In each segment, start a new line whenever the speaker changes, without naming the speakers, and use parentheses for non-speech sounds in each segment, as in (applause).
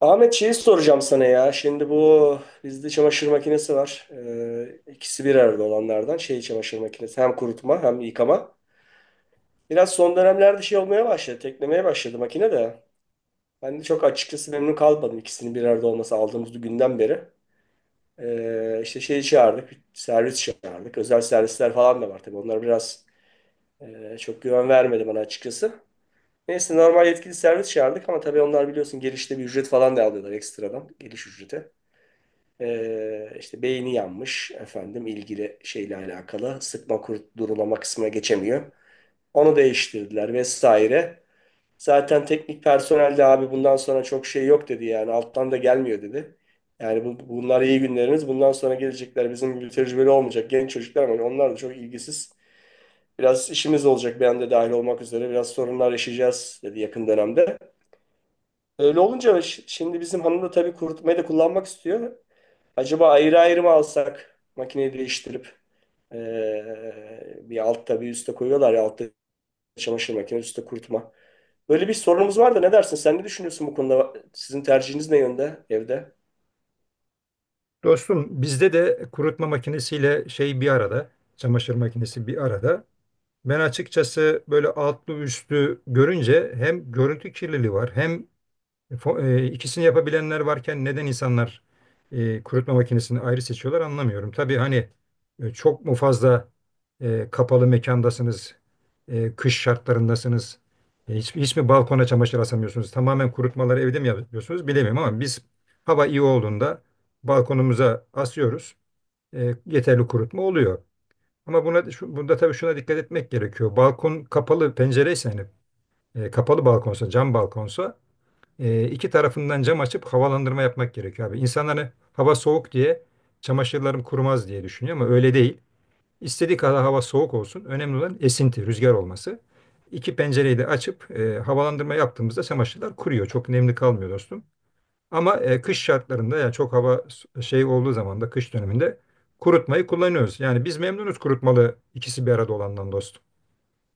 Ahmet şeyi soracağım sana ya. Şimdi bu bizde çamaşır makinesi var. İkisi bir arada olanlardan şey çamaşır makinesi. Hem kurutma hem yıkama. Biraz son dönemlerde şey olmaya başladı. Teklemeye başladı makine de. Ben de çok açıkçası memnun kalmadım ikisinin bir arada olması aldığımız günden beri. İşte şeyi çağırdık. Servis çağırdık. Özel servisler falan da var tabii. Onlar biraz çok güven vermedi bana açıkçası. Neyse normal yetkili servis çağırdık ama tabii onlar biliyorsun girişte bir ücret falan da alıyorlar ekstradan. Giriş ücreti. İşte beyni yanmış efendim ilgili şeyle alakalı sıkma kurt durulama kısmına geçemiyor. Onu değiştirdiler vesaire. Zaten teknik personel de abi bundan sonra çok şey yok dedi yani alttan da gelmiyor dedi. Yani bunlar iyi günlerimiz. Bundan sonra gelecekler bizim gibi tecrübeli olmayacak genç çocuklar ama onlar da çok ilgisiz. Biraz işimiz olacak ben de dahil olmak üzere biraz sorunlar yaşayacağız dedi yakın dönemde. Öyle olunca şimdi bizim hanım da tabii kurutmayı da kullanmak istiyor. Acaba ayrı ayrı mı alsak makineyi değiştirip bir altta bir üstte koyuyorlar ya altta çamaşır makinesi üstte kurutma. Böyle bir sorunumuz var da ne dersin? Sen ne düşünüyorsun bu konuda? Sizin tercihiniz ne yönde evde?
Dostum, bizde de kurutma makinesiyle şey bir arada, çamaşır makinesi bir arada. Ben açıkçası böyle altlı üstlü görünce hem görüntü kirliliği var hem İkisini yapabilenler varken neden insanlar kurutma makinesini ayrı seçiyorlar anlamıyorum. Tabii hani çok mu fazla kapalı mekandasınız, kış şartlarındasınız, hiç, hiç mi balkona çamaşır asamıyorsunuz, tamamen kurutmaları evde mi yapıyorsunuz bilemiyorum ama biz hava iyi olduğunda balkonumuza asıyoruz. Yeterli kurutma oluyor. Ama buna, şu, bunda tabii şuna dikkat etmek gerekiyor. Balkon kapalı pencereyse, hani kapalı balkonsa, cam balkonsa, iki tarafından cam açıp havalandırma yapmak gerekiyor abi. İnsanlar, hani hava soğuk diye çamaşırlarım kurumaz diye düşünüyor, ama öyle değil. İstediği kadar hava soğuk olsun. Önemli olan esinti, rüzgar olması. İki pencereyi de açıp havalandırma yaptığımızda çamaşırlar kuruyor. Çok nemli kalmıyor dostum. Ama kış şartlarında, yani çok hava şey olduğu zaman da, kış döneminde kurutmayı kullanıyoruz. Yani biz memnunuz kurutmalı, ikisi bir arada olandan dostum.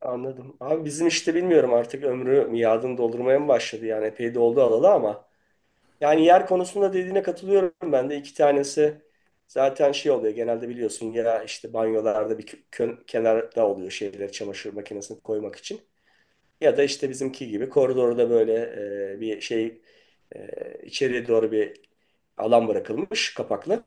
Anladım. Abi bizim işte bilmiyorum artık ömrü miadını doldurmaya mı başladı? Yani epey de oldu alalı ama. Yani yer konusunda dediğine katılıyorum ben de. İki tanesi zaten şey oluyor genelde biliyorsun ya işte banyolarda bir kenarda oluyor şeyler çamaşır makinesini koymak için. Ya da işte bizimki gibi koridorda böyle bir şey içeriye doğru bir alan bırakılmış kapaklı.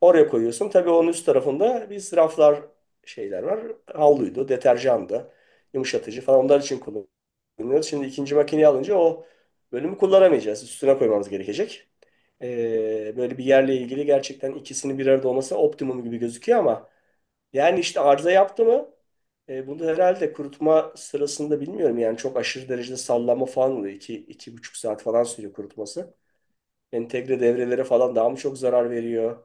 Oraya koyuyorsun. Tabii onun üst tarafında biz raflar şeyler var. Havluydu, deterjandı, yumuşatıcı falan onlar için kullanıyoruz. Şimdi ikinci makineyi alınca o bölümü kullanamayacağız. Üstüne koymamız gerekecek. Böyle bir yerle ilgili gerçekten ikisinin bir arada olması optimum gibi gözüküyor ama yani işte arıza yaptı mı bunu herhalde kurutma sırasında bilmiyorum yani çok aşırı derecede sallanma falan oluyor. İki buçuk saat falan sürüyor kurutması. Entegre devrelere falan daha mı çok zarar veriyor?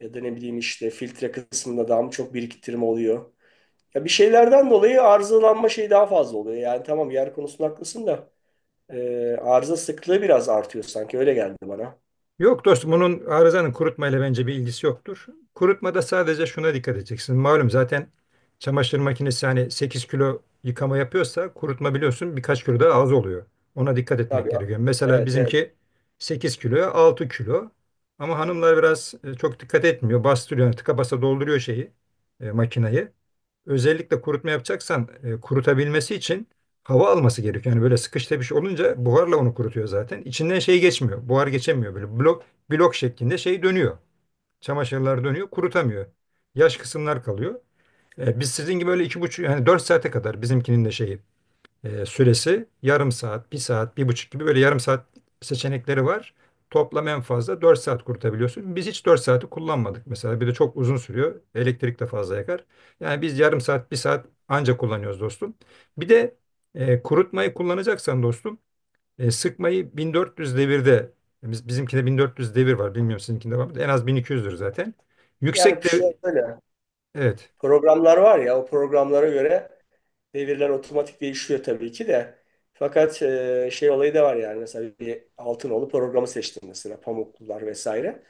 Ya da ne bileyim işte filtre kısmında daha mı çok biriktirme oluyor. Ya bir şeylerden dolayı arızalanma şeyi daha fazla oluyor. Yani tamam yer konusunda haklısın da arıza sıklığı biraz artıyor sanki öyle geldi bana.
Yok dostum, bunun, arızanın kurutmayla bence bir ilgisi yoktur. Kurutmada sadece şuna dikkat edeceksin. Malum, zaten çamaşır makinesi hani 8 kilo yıkama yapıyorsa, kurutma biliyorsun birkaç kilo daha az oluyor. Ona dikkat etmek
Tabii.
gerekiyor. Mesela
Evet, evet.
bizimki 8 kiloya 6 kilo. Ama hanımlar biraz çok dikkat etmiyor. Bastırıyor, tıka basa dolduruyor şeyi, makinayı. Özellikle kurutma yapacaksan, kurutabilmesi için hava alması gerekiyor. Yani böyle sıkış tepiş olunca buharla onu kurutuyor zaten. İçinden şey geçmiyor. Buhar geçemiyor böyle. Blok blok şeklinde şey dönüyor. Çamaşırlar dönüyor, kurutamıyor. Yaş kısımlar kalıyor. Biz sizin gibi böyle 2,5, yani 4 saate kadar, bizimkinin de şeyi, süresi yarım saat, bir saat, bir buçuk gibi, böyle yarım saat seçenekleri var. Toplam en fazla 4 saat kurutabiliyorsun. Biz hiç 4 saati kullanmadık mesela. Bir de çok uzun sürüyor. Elektrik de fazla yakar. Yani biz yarım saat, bir saat anca kullanıyoruz dostum. Bir de kurutmayı kullanacaksan dostum, sıkmayı 1400 devirde, bizimkinde 1400 devir var. Bilmiyorum, sizinkinde var mı? En az 1200'dür zaten.
Yani
Yüksek de,
şöyle
evet.
programlar var ya o programlara göre devirler otomatik değişiyor tabii ki de. Fakat şey olayı da var yani mesela bir Altınoğlu programı seçtim mesela Pamuklular vesaire.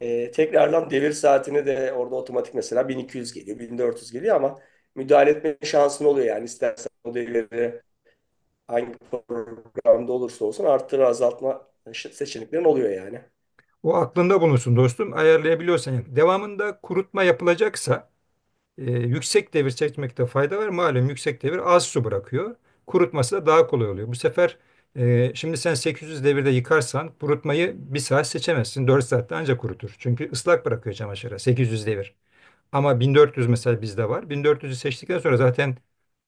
E, tekrardan devir saatini de orada otomatik mesela 1200 geliyor, 1400 geliyor ama müdahale etme şansın oluyor yani. İstersen o devirleri hangi programda olursa olsun arttırı azaltma seçeneklerin oluyor yani.
O aklında bulunsun dostum, ayarlayabiliyorsan. Yani devamında kurutma yapılacaksa, yüksek devir çekmekte fayda var. Malum, yüksek devir az su bırakıyor. Kurutması da daha kolay oluyor. Bu sefer şimdi sen 800 devirde yıkarsan, kurutmayı bir saat seçemezsin. 4 saatte ancak kurutur. Çünkü ıslak bırakıyor çamaşırı 800 devir. Ama 1400 mesela bizde var. 1400'ü seçtikten sonra zaten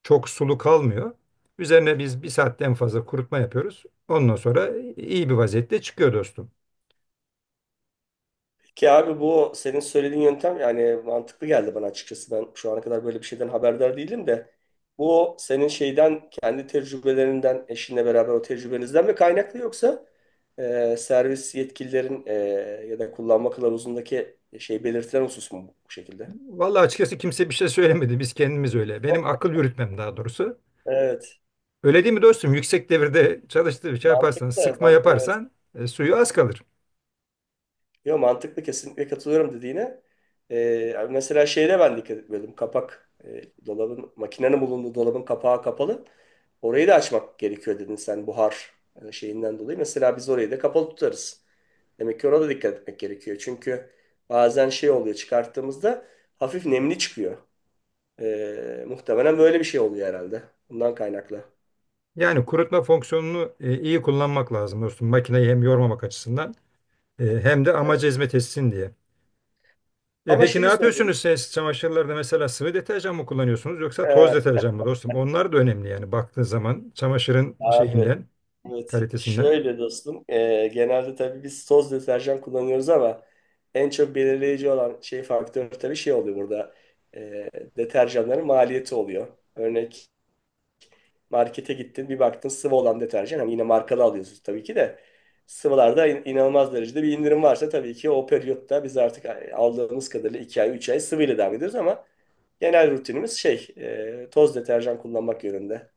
çok sulu kalmıyor. Üzerine biz bir saatten fazla kurutma yapıyoruz. Ondan sonra iyi bir vaziyette çıkıyor dostum.
Ki abi bu senin söylediğin yöntem yani mantıklı geldi bana açıkçası. Ben şu ana kadar böyle bir şeyden haberdar değilim de bu senin şeyden kendi tecrübelerinden eşinle beraber o tecrübenizden mi kaynaklı yoksa servis yetkililerin ya da kullanma kılavuzundaki şey belirtilen husus mu bu şekilde?
Vallahi açıkçası kimse bir şey söylemedi. Biz kendimiz öyle. Benim akıl yürütmem daha doğrusu.
Evet.
Öyle değil mi dostum? Yüksek devirde çalıştığı bir şey yaparsan,
Mantıklı.
sıkma
Evet.
yaparsan, suyu az kalır.
Yo, mantıklı, kesinlikle katılıyorum dediğine. Mesela şeyde ben dikkat etmiyordum. Kapak makinenin bulunduğu dolabın kapağı kapalı. Orayı da açmak gerekiyor dedin sen buhar şeyinden dolayı. Mesela biz orayı da kapalı tutarız. Demek ki ona da dikkat etmek gerekiyor. Çünkü bazen şey oluyor çıkarttığımızda hafif nemli çıkıyor. Muhtemelen böyle bir şey oluyor herhalde. Bundan kaynaklı.
Yani kurutma fonksiyonunu iyi kullanmak lazım dostum. Makineyi hem yormamak açısından, hem de amaca
Evet.
hizmet etsin diye. E,
Ama
peki ne
şeyi söyleyeyim.
yapıyorsunuz siz çamaşırlarda, mesela sıvı deterjan mı kullanıyorsunuz yoksa toz
Ee,
deterjan mı dostum? Onlar da önemli yani, baktığın zaman çamaşırın
Abi,
şeyinden,
evet
kalitesinden.
şöyle dostum, genelde tabii biz toz deterjan kullanıyoruz ama en çok belirleyici olan şey faktör tabii şey oluyor burada. Eee, Deterjanların maliyeti oluyor. Örnek, markete gittin bir baktın sıvı olan deterjan hani yine markalı alıyorsunuz tabii ki de, sıvılarda inanılmaz derecede bir indirim varsa tabii ki o periyotta biz artık aldığımız kadarıyla 2 ay 3 ay sıvıyla devam ediyoruz ama genel rutinimiz şey, toz deterjan kullanmak yönünde.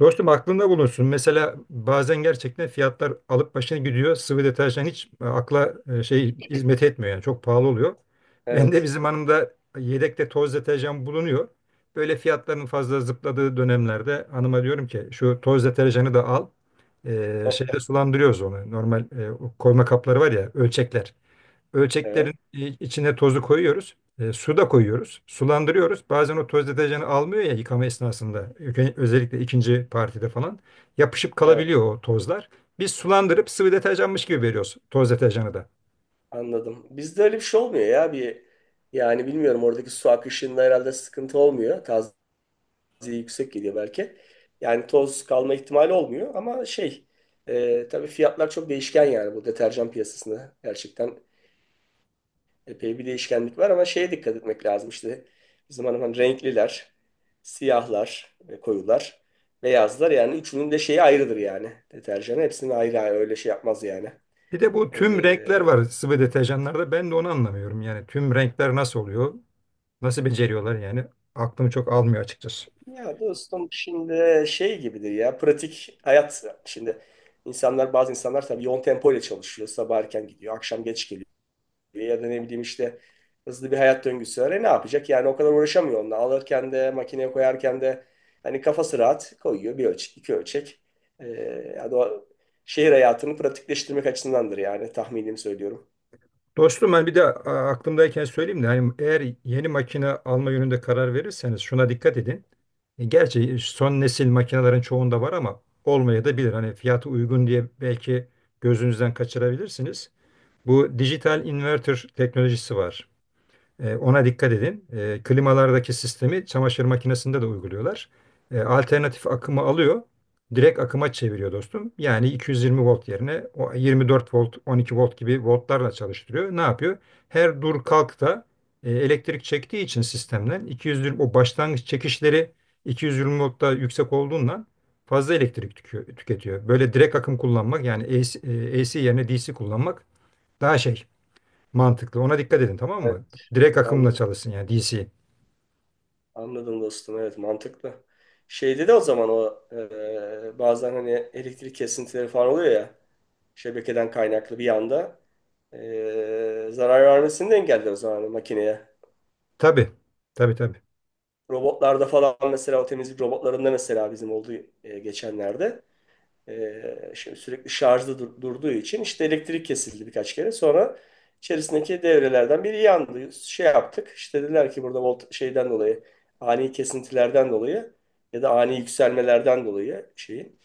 Dostum, aklında bulunsun. Mesela bazen gerçekten fiyatlar alıp başına gidiyor. Sıvı deterjan hiç akla şey hizmet etmiyor yani, çok pahalı oluyor. (laughs) Ben de,
Evet,
bizim hanımda yedekte toz deterjan bulunuyor. Böyle fiyatların fazla zıpladığı dönemlerde hanıma diyorum ki, şu toz deterjanı da al. Şeyde sulandırıyoruz onu. Normal, o koyma kapları var ya, ölçekler. Ölçeklerin
evet,
içine tozu koyuyoruz. Su da koyuyoruz. Sulandırıyoruz. Bazen o toz deterjanı almıyor ya yıkama esnasında. Özellikle ikinci partide falan. Yapışıp
evet.
kalabiliyor o tozlar. Biz sulandırıp sıvı deterjanmış gibi veriyoruz toz deterjanı da.
Anladım. Bizde öyle bir şey olmuyor ya. Bir, yani bilmiyorum oradaki su akışında herhalde sıkıntı olmuyor. Taziye yüksek geliyor belki. Yani toz kalma ihtimali olmuyor ama şey, tabii fiyatlar çok değişken yani bu deterjan piyasasında. Gerçekten epey bir değişkenlik var ama şeye dikkat etmek lazım işte. Bizim hanım hani renkliler, siyahlar, koyular, beyazlar yani üçünün de şeyi ayrıdır yani. Deterjanı hepsini ayrı ayrı öyle şey yapmaz yani.
Bir de bu
E,
tüm renkler var sıvı deterjanlarda. Ben de onu anlamıyorum. Yani tüm renkler nasıl oluyor? Nasıl beceriyorlar yani? Aklım çok almıyor açıkçası.
Ya dostum şimdi şey gibidir ya pratik hayat. Şimdi insanlar, insanlar tabii yoğun tempo ile çalışıyor, sabah erken gidiyor akşam geç, ya da ne bileyim işte hızlı bir hayat döngüsü var. E ne yapacak? Yani o kadar uğraşamıyor onunla. Alırken de makineye koyarken de hani kafası rahat koyuyor bir ölçek, iki ölçek. E, Yani o şehir hayatını pratikleştirmek açısındandır yani, tahminimi söylüyorum.
Dostum, ben bir de aklımdayken söyleyeyim de, hani eğer yeni makine alma yönünde karar verirseniz şuna dikkat edin. Gerçi son nesil makinelerin çoğunda var, ama olmaya da bilir. Hani fiyatı uygun diye belki gözünüzden kaçırabilirsiniz. Bu dijital inverter teknolojisi var. Ona dikkat edin. Klimalardaki sistemi çamaşır makinesinde de uyguluyorlar. Alternatif akımı alıyor, direkt akıma çeviriyor dostum. Yani 220 volt yerine o 24 volt, 12 volt gibi voltlarla çalıştırıyor. Ne yapıyor? Her dur kalkta elektrik çektiği için sistemden, 220, o başlangıç çekişleri 220 voltta yüksek olduğundan, fazla elektrik tüketiyor. Böyle direkt akım kullanmak, yani AC, AC yerine DC kullanmak daha şey, mantıklı. Ona dikkat edin, tamam
Evet,
mı? Direkt akımla
anladım.
çalışsın, yani DC.
Anladım dostum. Evet, mantıklı. Şeyde de o zaman o bazen hani elektrik kesintileri falan oluyor ya şebekeden kaynaklı bir anda zarar vermesini de engeller o zaman hani makineye.
Tabii. Tabii tabii.
Robotlarda falan, mesela o temizlik robotlarında mesela bizim oldu geçenlerde. Şimdi sürekli şarjda durduğu için işte elektrik kesildi birkaç kere. Sonra içerisindeki devrelerden biri yandı. Şey yaptık. İşte dediler ki burada volt şeyden dolayı ani kesintilerden dolayı ya da ani yükselmelerden dolayı şeyin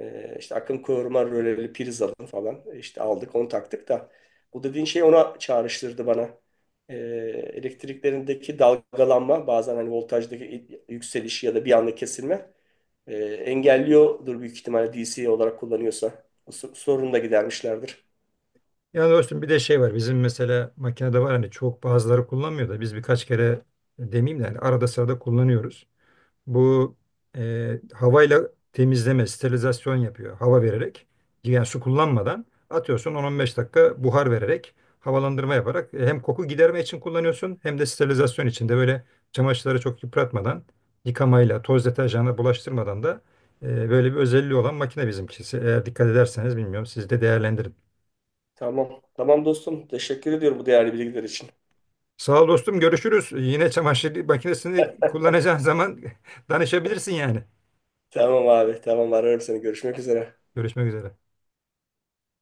işte akım koruma röleli priz alın falan, işte aldık onu taktık da bu dediğin şey ona çağrıştırdı bana. E, Elektriklerindeki dalgalanma bazen hani voltajdaki yükselişi ya da bir anda kesilme engelliyordur büyük ihtimalle DC olarak kullanıyorsa. Bu sorunu da gidermişlerdir.
Yani dostum, bir de şey var. Bizim mesela makinede var, hani çok bazıları kullanmıyor da biz birkaç kere, demeyeyim de, hani arada sırada kullanıyoruz. Bu havayla temizleme, sterilizasyon yapıyor. Hava vererek, yani su kullanmadan, atıyorsun 10-15 dakika buhar vererek, havalandırma yaparak, hem koku giderme için kullanıyorsun hem de sterilizasyon için de, böyle çamaşırları çok yıpratmadan, yıkamayla, toz deterjanla bulaştırmadan da, böyle bir özelliği olan makine bizimkisi. Eğer dikkat ederseniz, bilmiyorum, siz de değerlendirin.
Tamam. Tamam dostum. Teşekkür ediyorum bu değerli bilgiler için.
Sağ ol dostum, görüşürüz. Yine çamaşır makinesini kullanacağın zaman (laughs) danışabilirsin yani.
Tamam abi. Tamam, ararım seni. Görüşmek üzere.
Görüşmek üzere.